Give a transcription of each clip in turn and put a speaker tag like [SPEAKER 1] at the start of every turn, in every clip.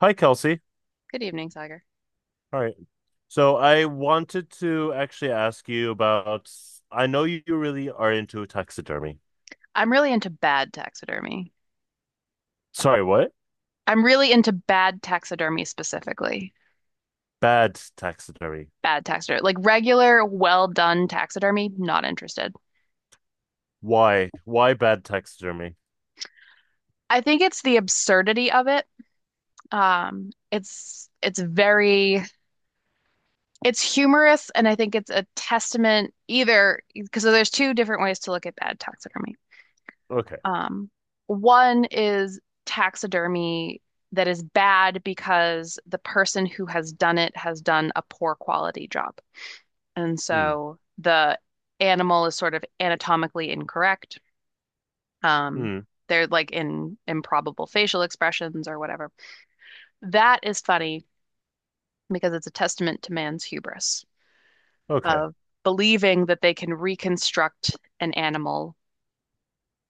[SPEAKER 1] Hi, Kelsey.
[SPEAKER 2] Good evening, Tiger.
[SPEAKER 1] All right. So I wanted to actually ask you about. I know you really are into taxidermy.
[SPEAKER 2] I'm really into bad taxidermy.
[SPEAKER 1] Sorry, what?
[SPEAKER 2] I'm really into bad taxidermy specifically.
[SPEAKER 1] Bad taxidermy.
[SPEAKER 2] Bad taxidermy, like regular, well done taxidermy, not interested.
[SPEAKER 1] Why? Why bad taxidermy?
[SPEAKER 2] I think it's the absurdity of it. It's very it's humorous, and I think it's a testament either because there's two different ways to look at bad taxidermy.
[SPEAKER 1] Okay.
[SPEAKER 2] Um, One is taxidermy that is bad because the person who has done it has done a poor quality job. And
[SPEAKER 1] Hmm.
[SPEAKER 2] so the animal is sort of anatomically incorrect. Um,
[SPEAKER 1] Hmm.
[SPEAKER 2] they're like in improbable facial expressions or whatever. That is funny because it's a testament to man's hubris
[SPEAKER 1] Okay.
[SPEAKER 2] of believing that they can reconstruct an animal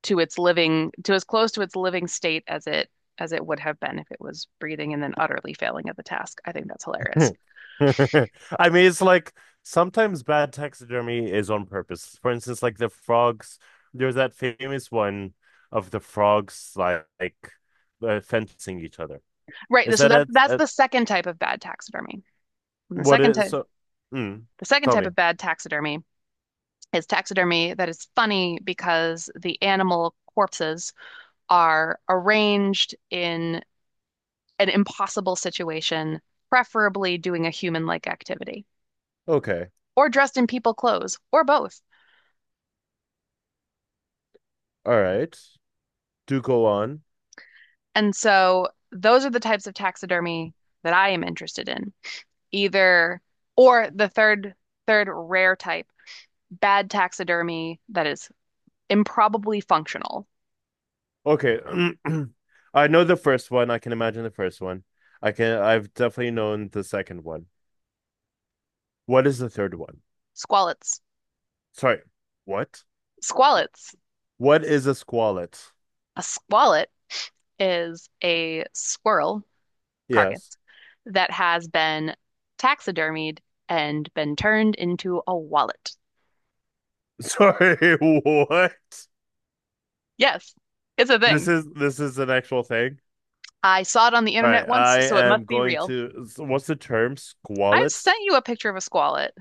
[SPEAKER 2] to its living, to as close to its living state as it would have been if it was breathing and then utterly failing at the task. I think that's hilarious.
[SPEAKER 1] I mean, it's like sometimes bad taxidermy is on purpose. For instance, like the frogs. There's that famous one of the frogs like fencing each other. Is
[SPEAKER 2] Right. So
[SPEAKER 1] that
[SPEAKER 2] that
[SPEAKER 1] at,
[SPEAKER 2] that's the second type of bad taxidermy. And the
[SPEAKER 1] what
[SPEAKER 2] second
[SPEAKER 1] is
[SPEAKER 2] type
[SPEAKER 1] so? Mm,
[SPEAKER 2] the second
[SPEAKER 1] tell
[SPEAKER 2] type
[SPEAKER 1] me.
[SPEAKER 2] of bad taxidermy is taxidermy that is funny because the animal corpses are arranged in an impossible situation, preferably doing a human-like activity,
[SPEAKER 1] Okay.
[SPEAKER 2] or dressed in people clothes, or both.
[SPEAKER 1] All right. Do go on.
[SPEAKER 2] And so those are the types of taxidermy that I am interested in. Either or the third rare type, bad taxidermy that is improbably functional.
[SPEAKER 1] Okay. I know the first one. I can imagine the first one. I can. I've definitely known the second one. What is the third one?
[SPEAKER 2] Squalets.
[SPEAKER 1] Sorry. What?
[SPEAKER 2] Squalets.
[SPEAKER 1] What is a squalet?
[SPEAKER 2] A squalet is a squirrel carcass
[SPEAKER 1] Yes.
[SPEAKER 2] that has been taxidermied and been turned into a wallet.
[SPEAKER 1] Sorry. What?
[SPEAKER 2] Yes, it's a
[SPEAKER 1] This
[SPEAKER 2] thing.
[SPEAKER 1] is this is an actual thing.
[SPEAKER 2] I saw it on the
[SPEAKER 1] All right.
[SPEAKER 2] internet once,
[SPEAKER 1] I
[SPEAKER 2] so it
[SPEAKER 1] am
[SPEAKER 2] must be
[SPEAKER 1] going
[SPEAKER 2] real.
[SPEAKER 1] to. What's the term?
[SPEAKER 2] I've
[SPEAKER 1] Squalets.
[SPEAKER 2] sent you a picture of a squalet,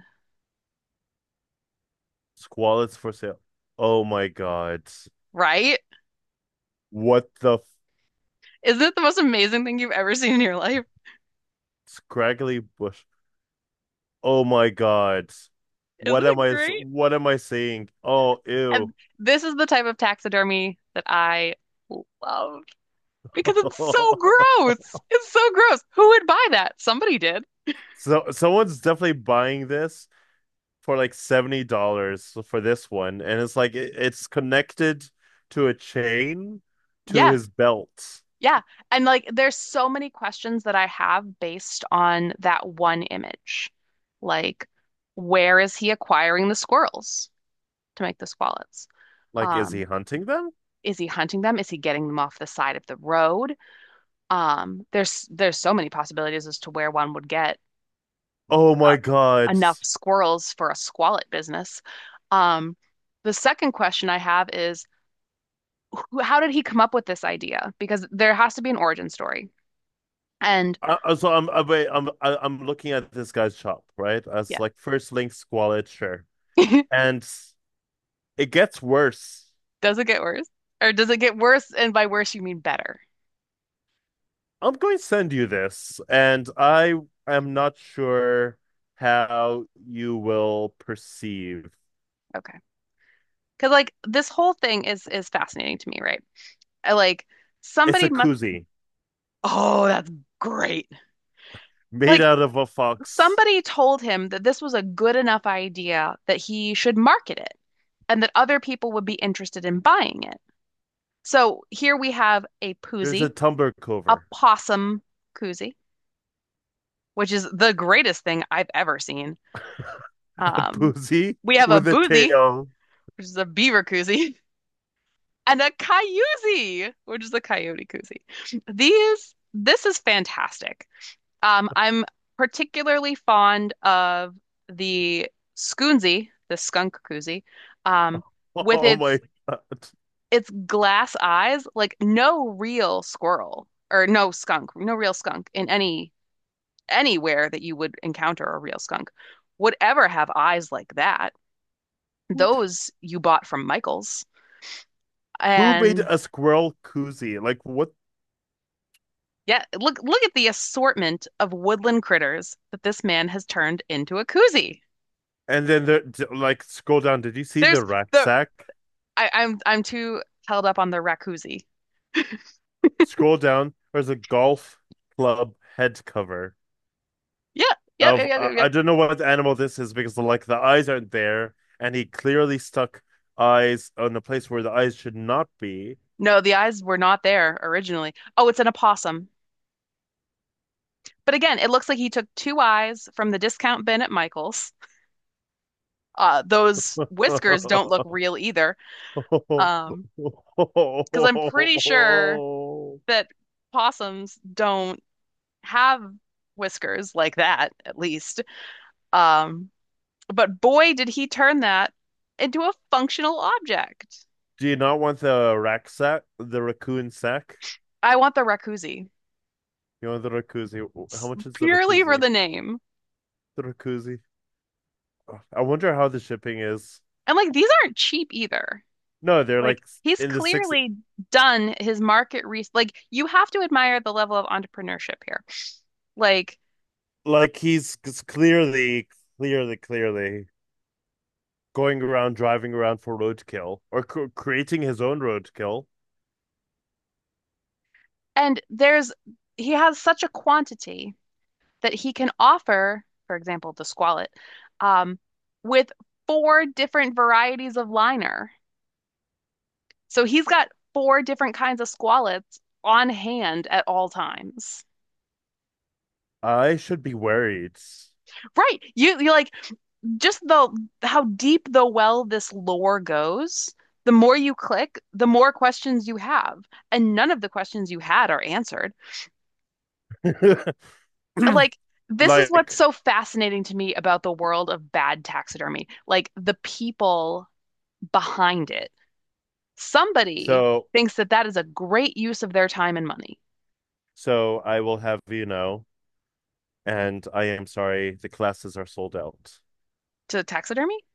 [SPEAKER 1] Squalets for sale. Oh my God.
[SPEAKER 2] right?
[SPEAKER 1] What the
[SPEAKER 2] Isn't it the most amazing thing you've ever seen in your life?
[SPEAKER 1] scraggly bush. Oh my God.
[SPEAKER 2] Isn't
[SPEAKER 1] What am
[SPEAKER 2] it
[SPEAKER 1] I?
[SPEAKER 2] great?
[SPEAKER 1] What am I saying? Oh, ew.
[SPEAKER 2] And this is the type of taxidermy that I love because it's so gross. It's so gross. Who would buy that? Somebody did.
[SPEAKER 1] So someone's definitely buying this for like $70 for this one, and it's like it's connected to a chain to
[SPEAKER 2] Yeah.
[SPEAKER 1] his belt.
[SPEAKER 2] Yeah. And like there's so many questions that I have based on that one image. Like, where is he acquiring the squirrels to make the squallets?
[SPEAKER 1] Like is he
[SPEAKER 2] Um,
[SPEAKER 1] hunting them?
[SPEAKER 2] is he hunting them? Is he getting them off the side of the road? There's so many possibilities as to where one would get
[SPEAKER 1] Oh
[SPEAKER 2] uh,
[SPEAKER 1] my God.
[SPEAKER 2] enough squirrels for a squallet business. Um, the second question I have is, how did he come up with this idea? Because there has to be an origin story. And
[SPEAKER 1] So I'm wait, I'm looking at this guy's shop, right?
[SPEAKER 2] yeah.
[SPEAKER 1] As like first link squalid, sure. And it gets worse.
[SPEAKER 2] Does it get worse? Or does it get worse? And by worse, you mean better.
[SPEAKER 1] I'm going to send you this, and I am not sure how you will perceive.
[SPEAKER 2] Okay. Because like this whole thing is fascinating to me, right? I like
[SPEAKER 1] It's
[SPEAKER 2] somebody
[SPEAKER 1] a
[SPEAKER 2] must.
[SPEAKER 1] koozie
[SPEAKER 2] Oh, that's great.
[SPEAKER 1] made
[SPEAKER 2] Like
[SPEAKER 1] out of a fox.
[SPEAKER 2] somebody told him that this was a good enough idea that he should market it and that other people would be interested in buying it. So here we have a
[SPEAKER 1] There's a
[SPEAKER 2] poozie,
[SPEAKER 1] tumbler
[SPEAKER 2] a
[SPEAKER 1] cover,
[SPEAKER 2] possum koozie, which is the greatest thing I've ever seen.
[SPEAKER 1] a
[SPEAKER 2] Um,
[SPEAKER 1] boozy
[SPEAKER 2] we have a
[SPEAKER 1] with a
[SPEAKER 2] boozy,
[SPEAKER 1] tail.
[SPEAKER 2] which is a beaver koozie. And a coyote, which is a coyote koozie. These, this is fantastic. I'm particularly fond of the Skoonzie, the skunk koozie, um, with
[SPEAKER 1] Oh my god!
[SPEAKER 2] its glass eyes. Like no real squirrel or no skunk, no real skunk in anywhere that you would encounter a real skunk would ever have eyes like that. Those you bought from Michael's.
[SPEAKER 1] Who made
[SPEAKER 2] And
[SPEAKER 1] a squirrel koozie? Like what?
[SPEAKER 2] yeah, look look at the assortment of woodland critters that this man has turned into a koozie.
[SPEAKER 1] And then there, like, scroll down. Did you see
[SPEAKER 2] There's
[SPEAKER 1] the
[SPEAKER 2] the
[SPEAKER 1] rucksack?
[SPEAKER 2] I'm too held up on the raccoozie.
[SPEAKER 1] Scroll down. There's a golf club head cover
[SPEAKER 2] Yeah, yep, yep,
[SPEAKER 1] of
[SPEAKER 2] yep, yep,
[SPEAKER 1] I
[SPEAKER 2] yep.
[SPEAKER 1] don't know what animal this is because like the eyes aren't there, and he clearly stuck eyes on the place where the eyes should not be.
[SPEAKER 2] No, the eyes were not there originally. Oh, it's an opossum. But again, it looks like he took two eyes from the discount bin at Michael's. Those whiskers don't look real either.
[SPEAKER 1] Do
[SPEAKER 2] Um, because I'm pretty sure that possums don't have whiskers like that, at least. Um, But boy, did he turn that into a functional object.
[SPEAKER 1] you not want the rack sack, the raccoon sack?
[SPEAKER 2] I want the Rakuzi
[SPEAKER 1] You want the rakuzi? How much is the
[SPEAKER 2] purely for
[SPEAKER 1] rakuzi?
[SPEAKER 2] the name.
[SPEAKER 1] The rakuzi. I wonder how the shipping is.
[SPEAKER 2] And like these aren't cheap either.
[SPEAKER 1] No, they're
[SPEAKER 2] Like
[SPEAKER 1] like
[SPEAKER 2] he's
[SPEAKER 1] in the six.
[SPEAKER 2] clearly done his market research. Like you have to admire the level of entrepreneurship here. Like
[SPEAKER 1] Like he's clearly, clearly, clearly going around driving around for roadkill or creating his own roadkill.
[SPEAKER 2] and there's he has such a quantity that he can offer, for example, the squalet, um, with four different varieties of liner. So he's got four different kinds of squalets on hand at all times.
[SPEAKER 1] I should be worried.
[SPEAKER 2] Right. You like just the how deep the well this lore goes, the more you click, the more questions you have, and none of the questions you had are answered. Like this is what's
[SPEAKER 1] like
[SPEAKER 2] so fascinating to me about the world of bad taxidermy, like the people behind it. Somebody
[SPEAKER 1] so
[SPEAKER 2] thinks that that is a great use of their time and money
[SPEAKER 1] so I will have you know, and I am sorry the classes are sold out.
[SPEAKER 2] to taxidermy.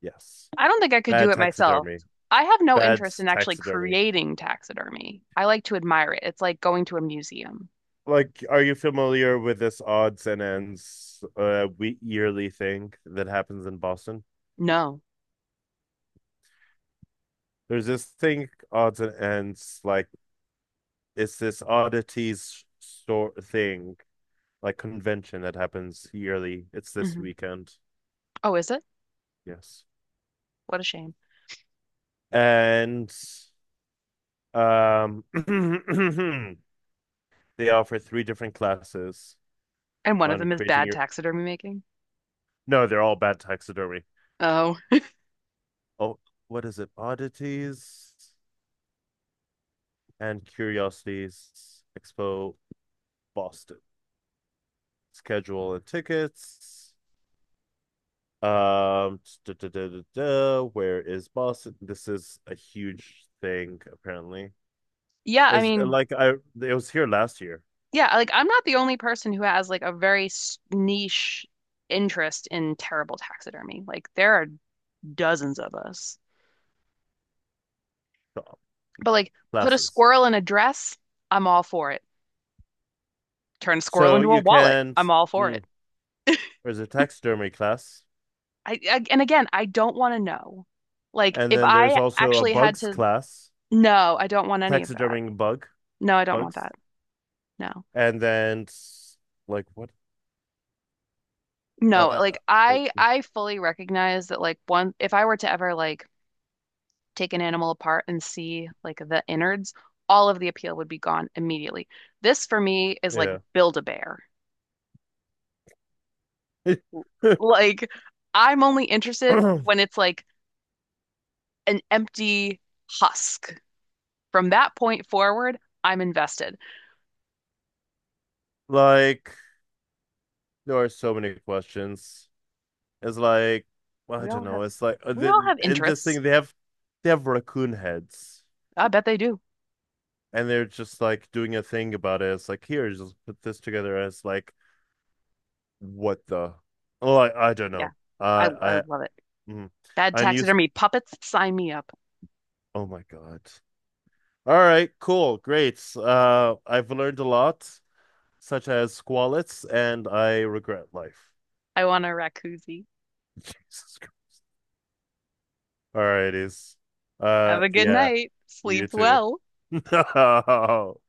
[SPEAKER 1] Yes.
[SPEAKER 2] I don't think I could do
[SPEAKER 1] Bad
[SPEAKER 2] it myself.
[SPEAKER 1] taxidermy.
[SPEAKER 2] I have no
[SPEAKER 1] Bad
[SPEAKER 2] interest in actually
[SPEAKER 1] taxidermy.
[SPEAKER 2] creating taxidermy. I like to admire it. It's like going to a museum.
[SPEAKER 1] Like, are you familiar with this odds and ends we yearly thing that happens in Boston?
[SPEAKER 2] No.
[SPEAKER 1] There's this thing odds and ends like it's this oddities sort thing like convention that happens yearly. It's this
[SPEAKER 2] Hmm.
[SPEAKER 1] weekend.
[SPEAKER 2] Oh, is it?
[SPEAKER 1] Yes.
[SPEAKER 2] What a shame.
[SPEAKER 1] And um they offer three different classes
[SPEAKER 2] And one of
[SPEAKER 1] on
[SPEAKER 2] them is
[SPEAKER 1] creating
[SPEAKER 2] bad
[SPEAKER 1] your
[SPEAKER 2] taxidermy making.
[SPEAKER 1] no, they're all bad taxidermy.
[SPEAKER 2] Oh.
[SPEAKER 1] Oh, what is it? Oddities and Curiosities Expo Boston. Schedule and tickets. Da, da, da, da, da. Where is Boston? This is a huge thing, apparently.
[SPEAKER 2] Yeah, I
[SPEAKER 1] Is
[SPEAKER 2] mean,
[SPEAKER 1] like I it was here last year.
[SPEAKER 2] yeah, like I'm not the only person who has like a very niche interest in terrible taxidermy. Like there are dozens of us. But like put a
[SPEAKER 1] Classes.
[SPEAKER 2] squirrel in a dress, I'm all for it. Turn a squirrel
[SPEAKER 1] So
[SPEAKER 2] into a
[SPEAKER 1] you
[SPEAKER 2] wallet,
[SPEAKER 1] can,
[SPEAKER 2] I'm all for
[SPEAKER 1] mm,
[SPEAKER 2] it.
[SPEAKER 1] there's a taxidermy class,
[SPEAKER 2] I and again, I don't want to know. Like
[SPEAKER 1] and
[SPEAKER 2] if
[SPEAKER 1] then there's
[SPEAKER 2] I
[SPEAKER 1] also a
[SPEAKER 2] actually had
[SPEAKER 1] bugs
[SPEAKER 2] to,
[SPEAKER 1] class,
[SPEAKER 2] no, I don't want any of that.
[SPEAKER 1] taxiderming
[SPEAKER 2] No, I don't want
[SPEAKER 1] bugs,
[SPEAKER 2] that. No.
[SPEAKER 1] and then like what,
[SPEAKER 2] No,
[SPEAKER 1] uh,
[SPEAKER 2] like
[SPEAKER 1] like
[SPEAKER 2] I fully recognize that like one if I were to ever like take an animal apart and see like the innards, all of the appeal would be gone immediately. This for me is like
[SPEAKER 1] yeah,
[SPEAKER 2] build a bear. Like I'm only interested when it's like an empty husk. From that point forward, I'm invested.
[SPEAKER 1] like there are so many questions. It's like well, I
[SPEAKER 2] We
[SPEAKER 1] don't
[SPEAKER 2] all have
[SPEAKER 1] know. It's like
[SPEAKER 2] we all have
[SPEAKER 1] in this
[SPEAKER 2] interests.
[SPEAKER 1] thing they have raccoon heads.
[SPEAKER 2] I bet they do.
[SPEAKER 1] And they're just like doing a thing about it. It's like here, just put this together as like what the oh I don't
[SPEAKER 2] Yeah.
[SPEAKER 1] know. Uh,
[SPEAKER 2] I
[SPEAKER 1] I
[SPEAKER 2] love it.
[SPEAKER 1] mm,
[SPEAKER 2] Bad
[SPEAKER 1] unused
[SPEAKER 2] taxidermy puppets, sign me up.
[SPEAKER 1] oh my God. All right, cool, great. Uh, I've learned a lot, such as squalets, and I regret life.
[SPEAKER 2] I want a raccoozie.
[SPEAKER 1] Jesus Christ. All righties.
[SPEAKER 2] Have a good
[SPEAKER 1] Yeah,
[SPEAKER 2] night. Sleep
[SPEAKER 1] you too.
[SPEAKER 2] well.
[SPEAKER 1] No.